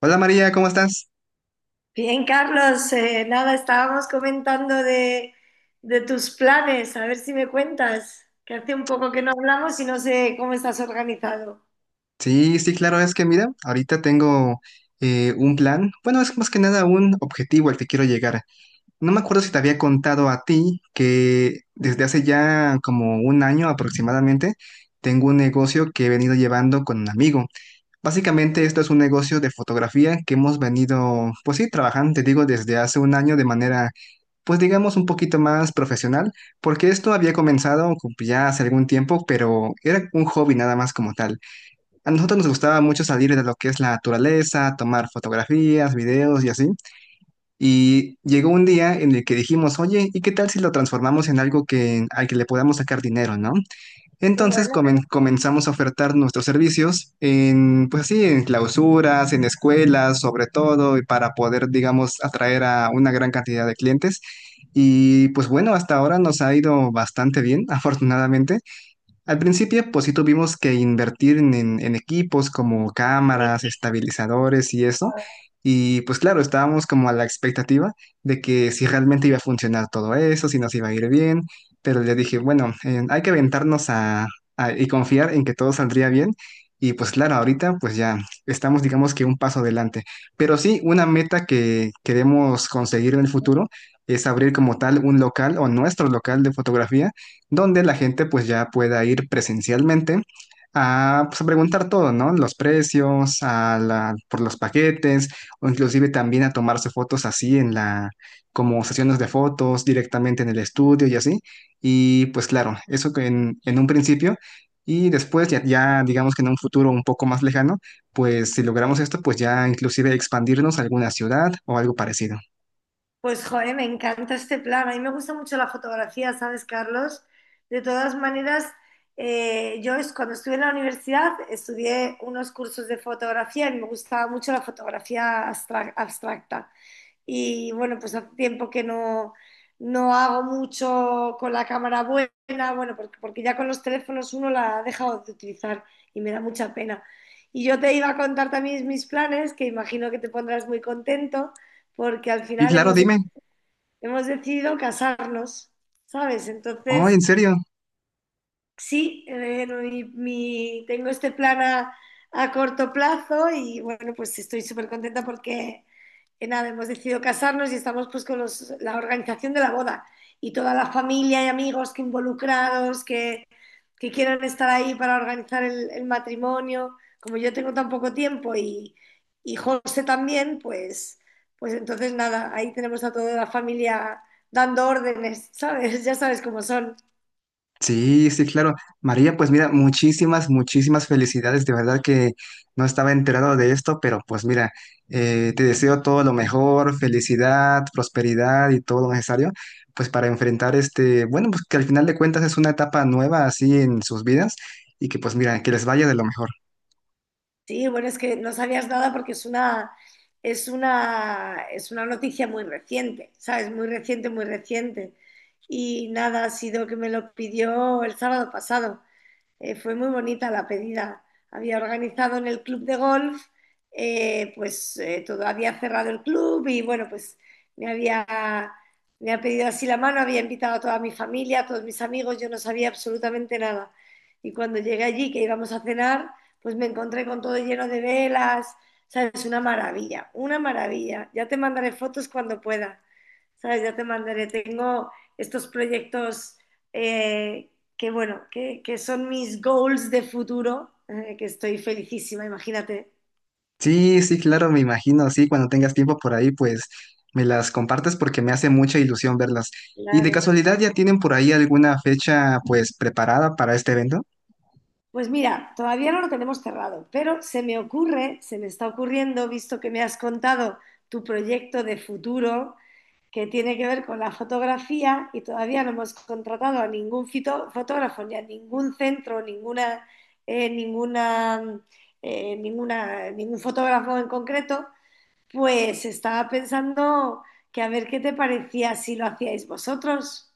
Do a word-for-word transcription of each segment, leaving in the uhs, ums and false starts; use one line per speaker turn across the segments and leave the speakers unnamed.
Hola María, ¿cómo estás?
Bien, Carlos, eh, nada, estábamos comentando de, de tus planes, a ver si me cuentas, que hace un poco que no hablamos y no sé cómo estás organizado.
Sí, sí, claro, es que mira, ahorita tengo eh, un plan, bueno, es más que nada un objetivo al que quiero llegar. No me acuerdo si te había contado a ti que desde hace ya como un año aproximadamente tengo un negocio que he venido llevando con un amigo. Básicamente esto es un negocio de fotografía que hemos venido, pues sí, trabajando, te digo, desde hace un año de manera, pues digamos, un poquito más profesional, porque esto había comenzado ya hace algún tiempo, pero era un hobby nada más como tal. A nosotros nos gustaba mucho salir de lo que es la naturaleza, tomar fotografías, videos y así. Y llegó un día en el que dijimos, oye, ¿y qué tal si lo transformamos en algo que, al que le podamos sacar dinero, ¿no?
Qué
Entonces
bueno.
comen- comenzamos a ofertar nuestros servicios en, pues sí, en clausuras, en escuelas, sobre todo, y para poder, digamos, atraer a una gran cantidad de clientes. Y pues bueno, hasta ahora nos ha ido bastante bien, afortunadamente. Al principio, pues sí tuvimos que invertir en, en- en equipos como
Sí.
cámaras, estabilizadores y eso. Y pues claro, estábamos como a la expectativa de que si realmente iba a funcionar todo eso, si nos iba a ir bien. Pero le dije, bueno, eh, hay que aventarnos a, a- y confiar en que todo saldría bien. Y pues claro, ahorita pues ya estamos digamos que un paso adelante. Pero sí, una meta que queremos conseguir en el futuro es abrir como tal un local o nuestro local de fotografía donde la gente pues ya pueda ir presencialmente a, pues, a preguntar todo, ¿no? Los precios, a la- por los paquetes, o inclusive también a tomarse fotos así en la, como sesiones de fotos directamente en el estudio y así. Y pues claro, eso que en, en un principio. Y después ya, ya digamos que en un futuro un poco más lejano, pues si logramos esto, pues ya inclusive expandirnos a alguna ciudad o algo parecido.
Pues, joder, me encanta este plan. A mí me gusta mucho la fotografía, ¿sabes, Carlos? De todas maneras, eh, yo es- cuando estuve en la universidad estudié unos cursos de fotografía y me gustaba mucho la fotografía abstra- abstracta. Y bueno, pues hace tiempo que no, no hago mucho con la cámara buena, bueno, porque, porque ya con los teléfonos uno la ha dejado de utilizar y me da mucha pena. Y yo te iba a contar también mis planes, que imagino que te pondrás muy contento, porque al
Y
final
claro,
hemos, de-
dime,
hemos decidido casarnos, ¿sabes?
oh, ¿en
Entonces,
serio?
sí, eh, no, mi- mi- tengo este plan a, a corto plazo y bueno, pues estoy súper contenta porque que nada, hemos decidido casarnos y estamos pues con los- la organización de la boda y toda la familia y amigos que involucrados, que, que quieran estar ahí para organizar el, el matrimonio. Como yo tengo tan poco tiempo y, y José también, pues, pues entonces nada, ahí tenemos a toda la familia dando órdenes, ¿sabes? Ya sabes cómo son.
Sí, sí, claro. María, pues mira, muchísimas, muchísimas felicidades. De verdad que no estaba enterado de esto, pero pues mira, eh, te deseo todo lo mejor, felicidad, prosperidad y todo lo necesario, pues para enfrentar este, bueno, pues que al final de cuentas es una etapa nueva así en sus vidas y que pues mira, que les vaya de lo mejor.
Sí, bueno, es que no sabías nada porque es una, es una, es una noticia muy reciente, ¿sabes? Muy reciente, muy reciente. Y nada, ha sido que me lo pidió el sábado pasado. Eh, fue muy bonita la pedida. Había organizado en el club de golf, eh, pues eh, todo había cerrado el club y bueno, pues me había, me ha pedido así la mano, había invitado a toda mi familia, a todos mis amigos, yo no sabía absolutamente nada. Y cuando llegué allí, que íbamos a cenar, pues me encontré con todo lleno de velas, ¿sabes? Una maravilla, una maravilla. Ya te mandaré fotos cuando pueda, ¿sabes? Ya te mandaré. Tengo estos proyectos eh, que bueno, que, que son mis goals de futuro, eh, que estoy felicísima, imagínate.
Sí, sí, claro, me imagino, sí, cuando tengas tiempo por ahí, pues me las compartes porque me hace mucha ilusión verlas. ¿Y de
Claro.
casualidad ya tienen por ahí alguna fecha pues preparada para este evento?
Pues mira, todavía no lo tenemos cerrado, pero se me ocurre, se me está ocurriendo, visto que me has contado tu proyecto de futuro que tiene que ver con la fotografía y todavía no hemos contratado a ningún fito- fotógrafo ni a ningún centro, ninguna, eh, ninguna, eh, ninguna, ningún fotógrafo en concreto. Pues estaba pensando que a ver qué te parecía si lo hacíais vosotros.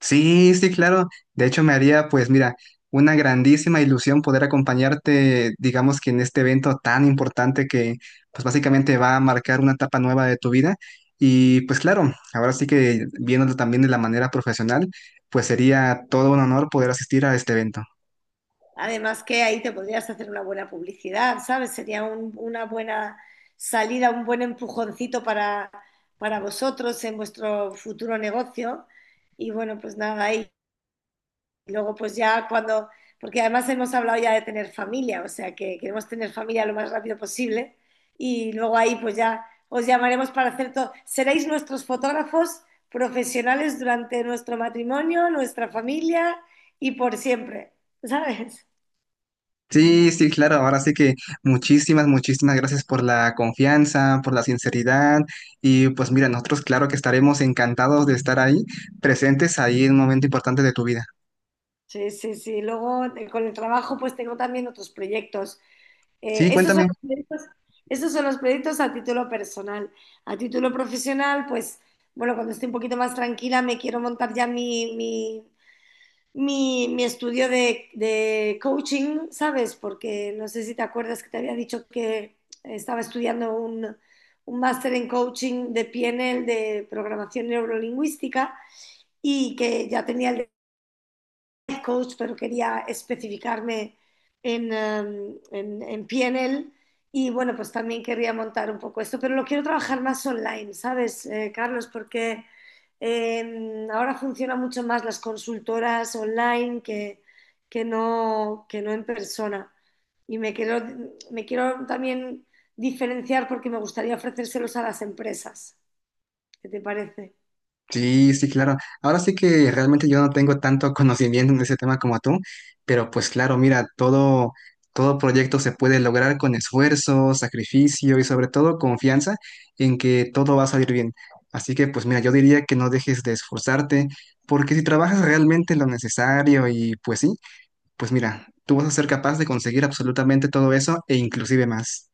Sí, sí, claro. De hecho, me haría, pues mira, una grandísima ilusión poder acompañarte, digamos que en este evento tan importante que, pues básicamente va a marcar una etapa nueva de tu vida. Y pues claro, ahora sí que viéndolo también de la manera profesional, pues sería todo un honor poder asistir a este evento.
Además que ahí te podrías hacer una buena publicidad, ¿sabes? Sería un- una buena salida, un buen empujoncito para, para vosotros en vuestro futuro negocio. Y bueno, pues nada, ahí. Y luego pues ya cuando, porque además hemos hablado ya de tener familia, o sea que queremos tener familia lo más rápido posible y luego ahí pues ya os llamaremos para hacer todo. Seréis nuestros fotógrafos profesionales durante nuestro matrimonio, nuestra familia y por siempre, ¿sabes?
Sí, sí, claro. Ahora sí que muchísimas, muchísimas gracias por la confianza, por la sinceridad. Y pues mira, nosotros claro que estaremos encantados de estar ahí, presentes ahí en un momento importante de tu vida.
Sí, sí, sí. Luego eh, con el trabajo pues tengo también otros proyectos. Eh,
Sí,
estos son
cuéntame.
los proyectos, estos son los proyectos a título personal. A título profesional, pues, bueno, cuando esté un poquito más tranquila, me quiero montar ya mi, mi, mi- mi estudio de, de coaching, ¿sabes? Porque no sé si te acuerdas que te había dicho que estaba estudiando un, un máster en coaching de P N L, de programación neurolingüística, y que ya tenía el coach, pero quería especificarme en, um, en, en P N L y bueno, pues también quería montar un poco esto, pero lo quiero trabajar más online, ¿sabes, eh, Carlos? Porque eh, ahora funcionan mucho más las consultoras online que, que, no, que no en persona. Y me quiero, me quiero también diferenciar porque me gustaría ofrecérselos a las empresas. ¿Qué te parece?
Sí, sí, claro. Ahora sí que realmente yo no tengo tanto conocimiento en ese tema como tú, pero pues claro, mira, todo, todo proyecto se puede lograr con esfuerzo, sacrificio y sobre todo confianza en que todo va a salir bien. Así que pues mira, yo diría que no dejes de esforzarte, porque si trabajas realmente lo necesario y pues sí, pues mira, tú vas a ser capaz de conseguir absolutamente todo eso e inclusive más.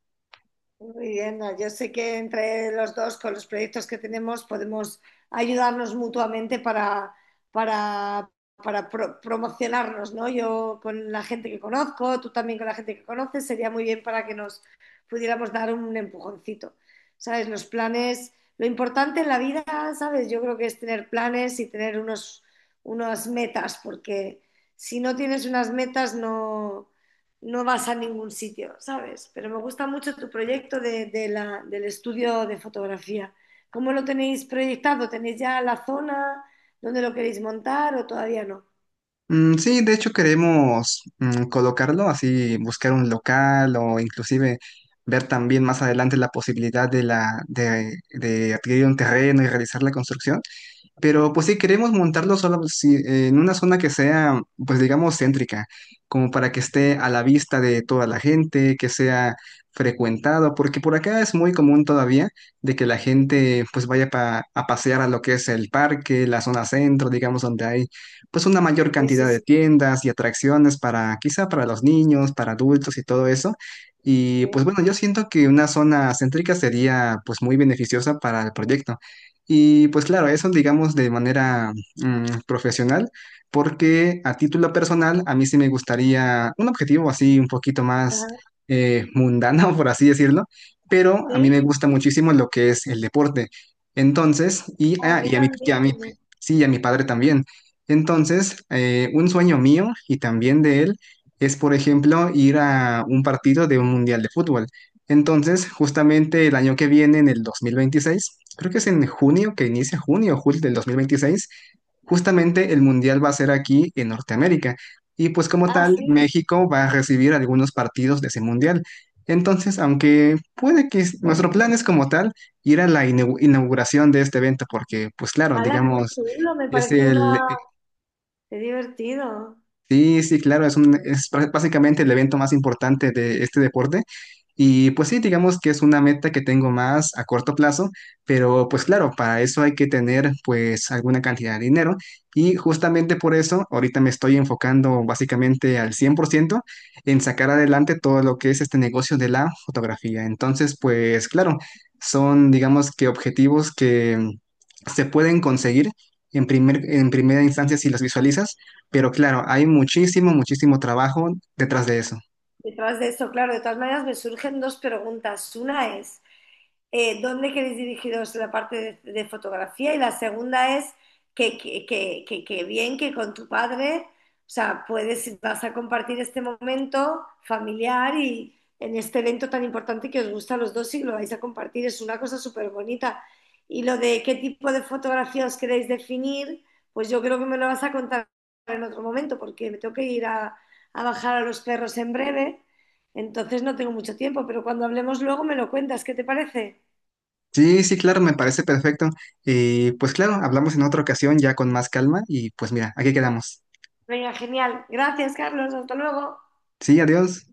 Muy bien, no, yo sé que entre los dos, con los proyectos que tenemos, podemos ayudarnos mutuamente para, para, para pro- promocionarnos, ¿no? Yo con la gente que conozco, tú también con la gente que conoces, sería muy bien para que nos pudiéramos dar un empujoncito, ¿sabes? Los planes, lo importante en la vida, ¿sabes? Yo creo que es tener planes y tener unos, unas metas, porque si no tienes unas metas, no no vas a ningún sitio, ¿sabes? Pero me gusta mucho tu proyecto de, de la- del estudio de fotografía. ¿Cómo lo tenéis proyectado? ¿Tenéis ya la zona donde lo queréis montar o todavía no?
Mm, sí, de hecho queremos mm, colocarlo, así buscar un local o inclusive ver también más adelante la posibilidad de la de, de adquirir un terreno y realizar la construcción. Pero pues sí, queremos montarlo solo si- eh, en una zona que sea, pues digamos, céntrica, como para que esté a la vista de toda la gente, que sea frecuentado, porque por acá es muy común todavía de que la gente pues vaya pa- a pasear a lo que es el parque, la zona centro, digamos, donde hay pues una mayor
Sí, sí,
cantidad de
sí.
tiendas y atracciones para quizá para los niños, para adultos y todo eso. Y
Sí.
pues bueno, yo siento que una zona céntrica sería pues muy beneficiosa para el proyecto. Y pues claro, eso digamos de manera mm, profesional, porque a título personal a mí sí me gustaría un objetivo así un poquito más
Ajá,
eh, mundano, por así decirlo, pero a mí
sí.
me gusta muchísimo lo que es el deporte. Entonces, y,
A
ah,
mí
y a mi, y a mi-
también.
sí, y a mi padre también. Entonces, eh, un sueño mío y también de él es, por ejemplo, ir a un partido de un mundial de fútbol. Entonces, justamente el año que viene, en el dos mil veintiséis creo que es en junio, que inicia junio o julio del dos mil veintiséis justamente el Mundial va a ser aquí en Norteamérica. Y pues como
Ah,
tal,
sí.
México va a recibir algunos partidos de ese Mundial. Entonces, aunque puede que es- nuestro plan es como tal ir a la inau- inauguración de este evento, porque pues claro,
¡Hala, qué
digamos,
chulo! Me
es
parece
el,
una... Qué divertido.
sí, sí, claro, es un, es prá- básicamente el evento más importante de este deporte. Y pues sí, digamos que es una meta que tengo más a corto plazo, pero pues claro, para eso hay que tener pues alguna cantidad de dinero y justamente por eso ahorita me estoy enfocando básicamente al cien por ciento en sacar adelante todo lo que es este negocio de la fotografía. Entonces, pues claro, son digamos que objetivos que se pueden conseguir en primer, en primera instancia si los visualizas pero claro, hay muchísimo, muchísimo trabajo detrás de eso.
Detrás de eso, claro, de todas maneras me surgen dos preguntas. Una es, eh, dónde queréis dirigiros la parte de, de fotografía y la segunda es que, que, que- que- que bien que con tu padre, o sea, puedes, vas a compartir este momento familiar y en este evento tan importante que os gusta a los dos y lo vais a compartir, es una cosa súper bonita. Y lo de qué tipo de fotografía os queréis definir, pues yo creo que me lo vas a contar en otro momento porque me tengo que ir a, a bajar a los perros en breve, entonces no tengo mucho tiempo, pero cuando hablemos luego me lo cuentas, ¿qué te parece?
Sí, sí, claro, me parece perfecto. Y pues claro, hablamos en otra ocasión ya con más calma y pues mira, aquí quedamos.
Venga, genial. Gracias, Carlos. Hasta luego.
Sí, adiós.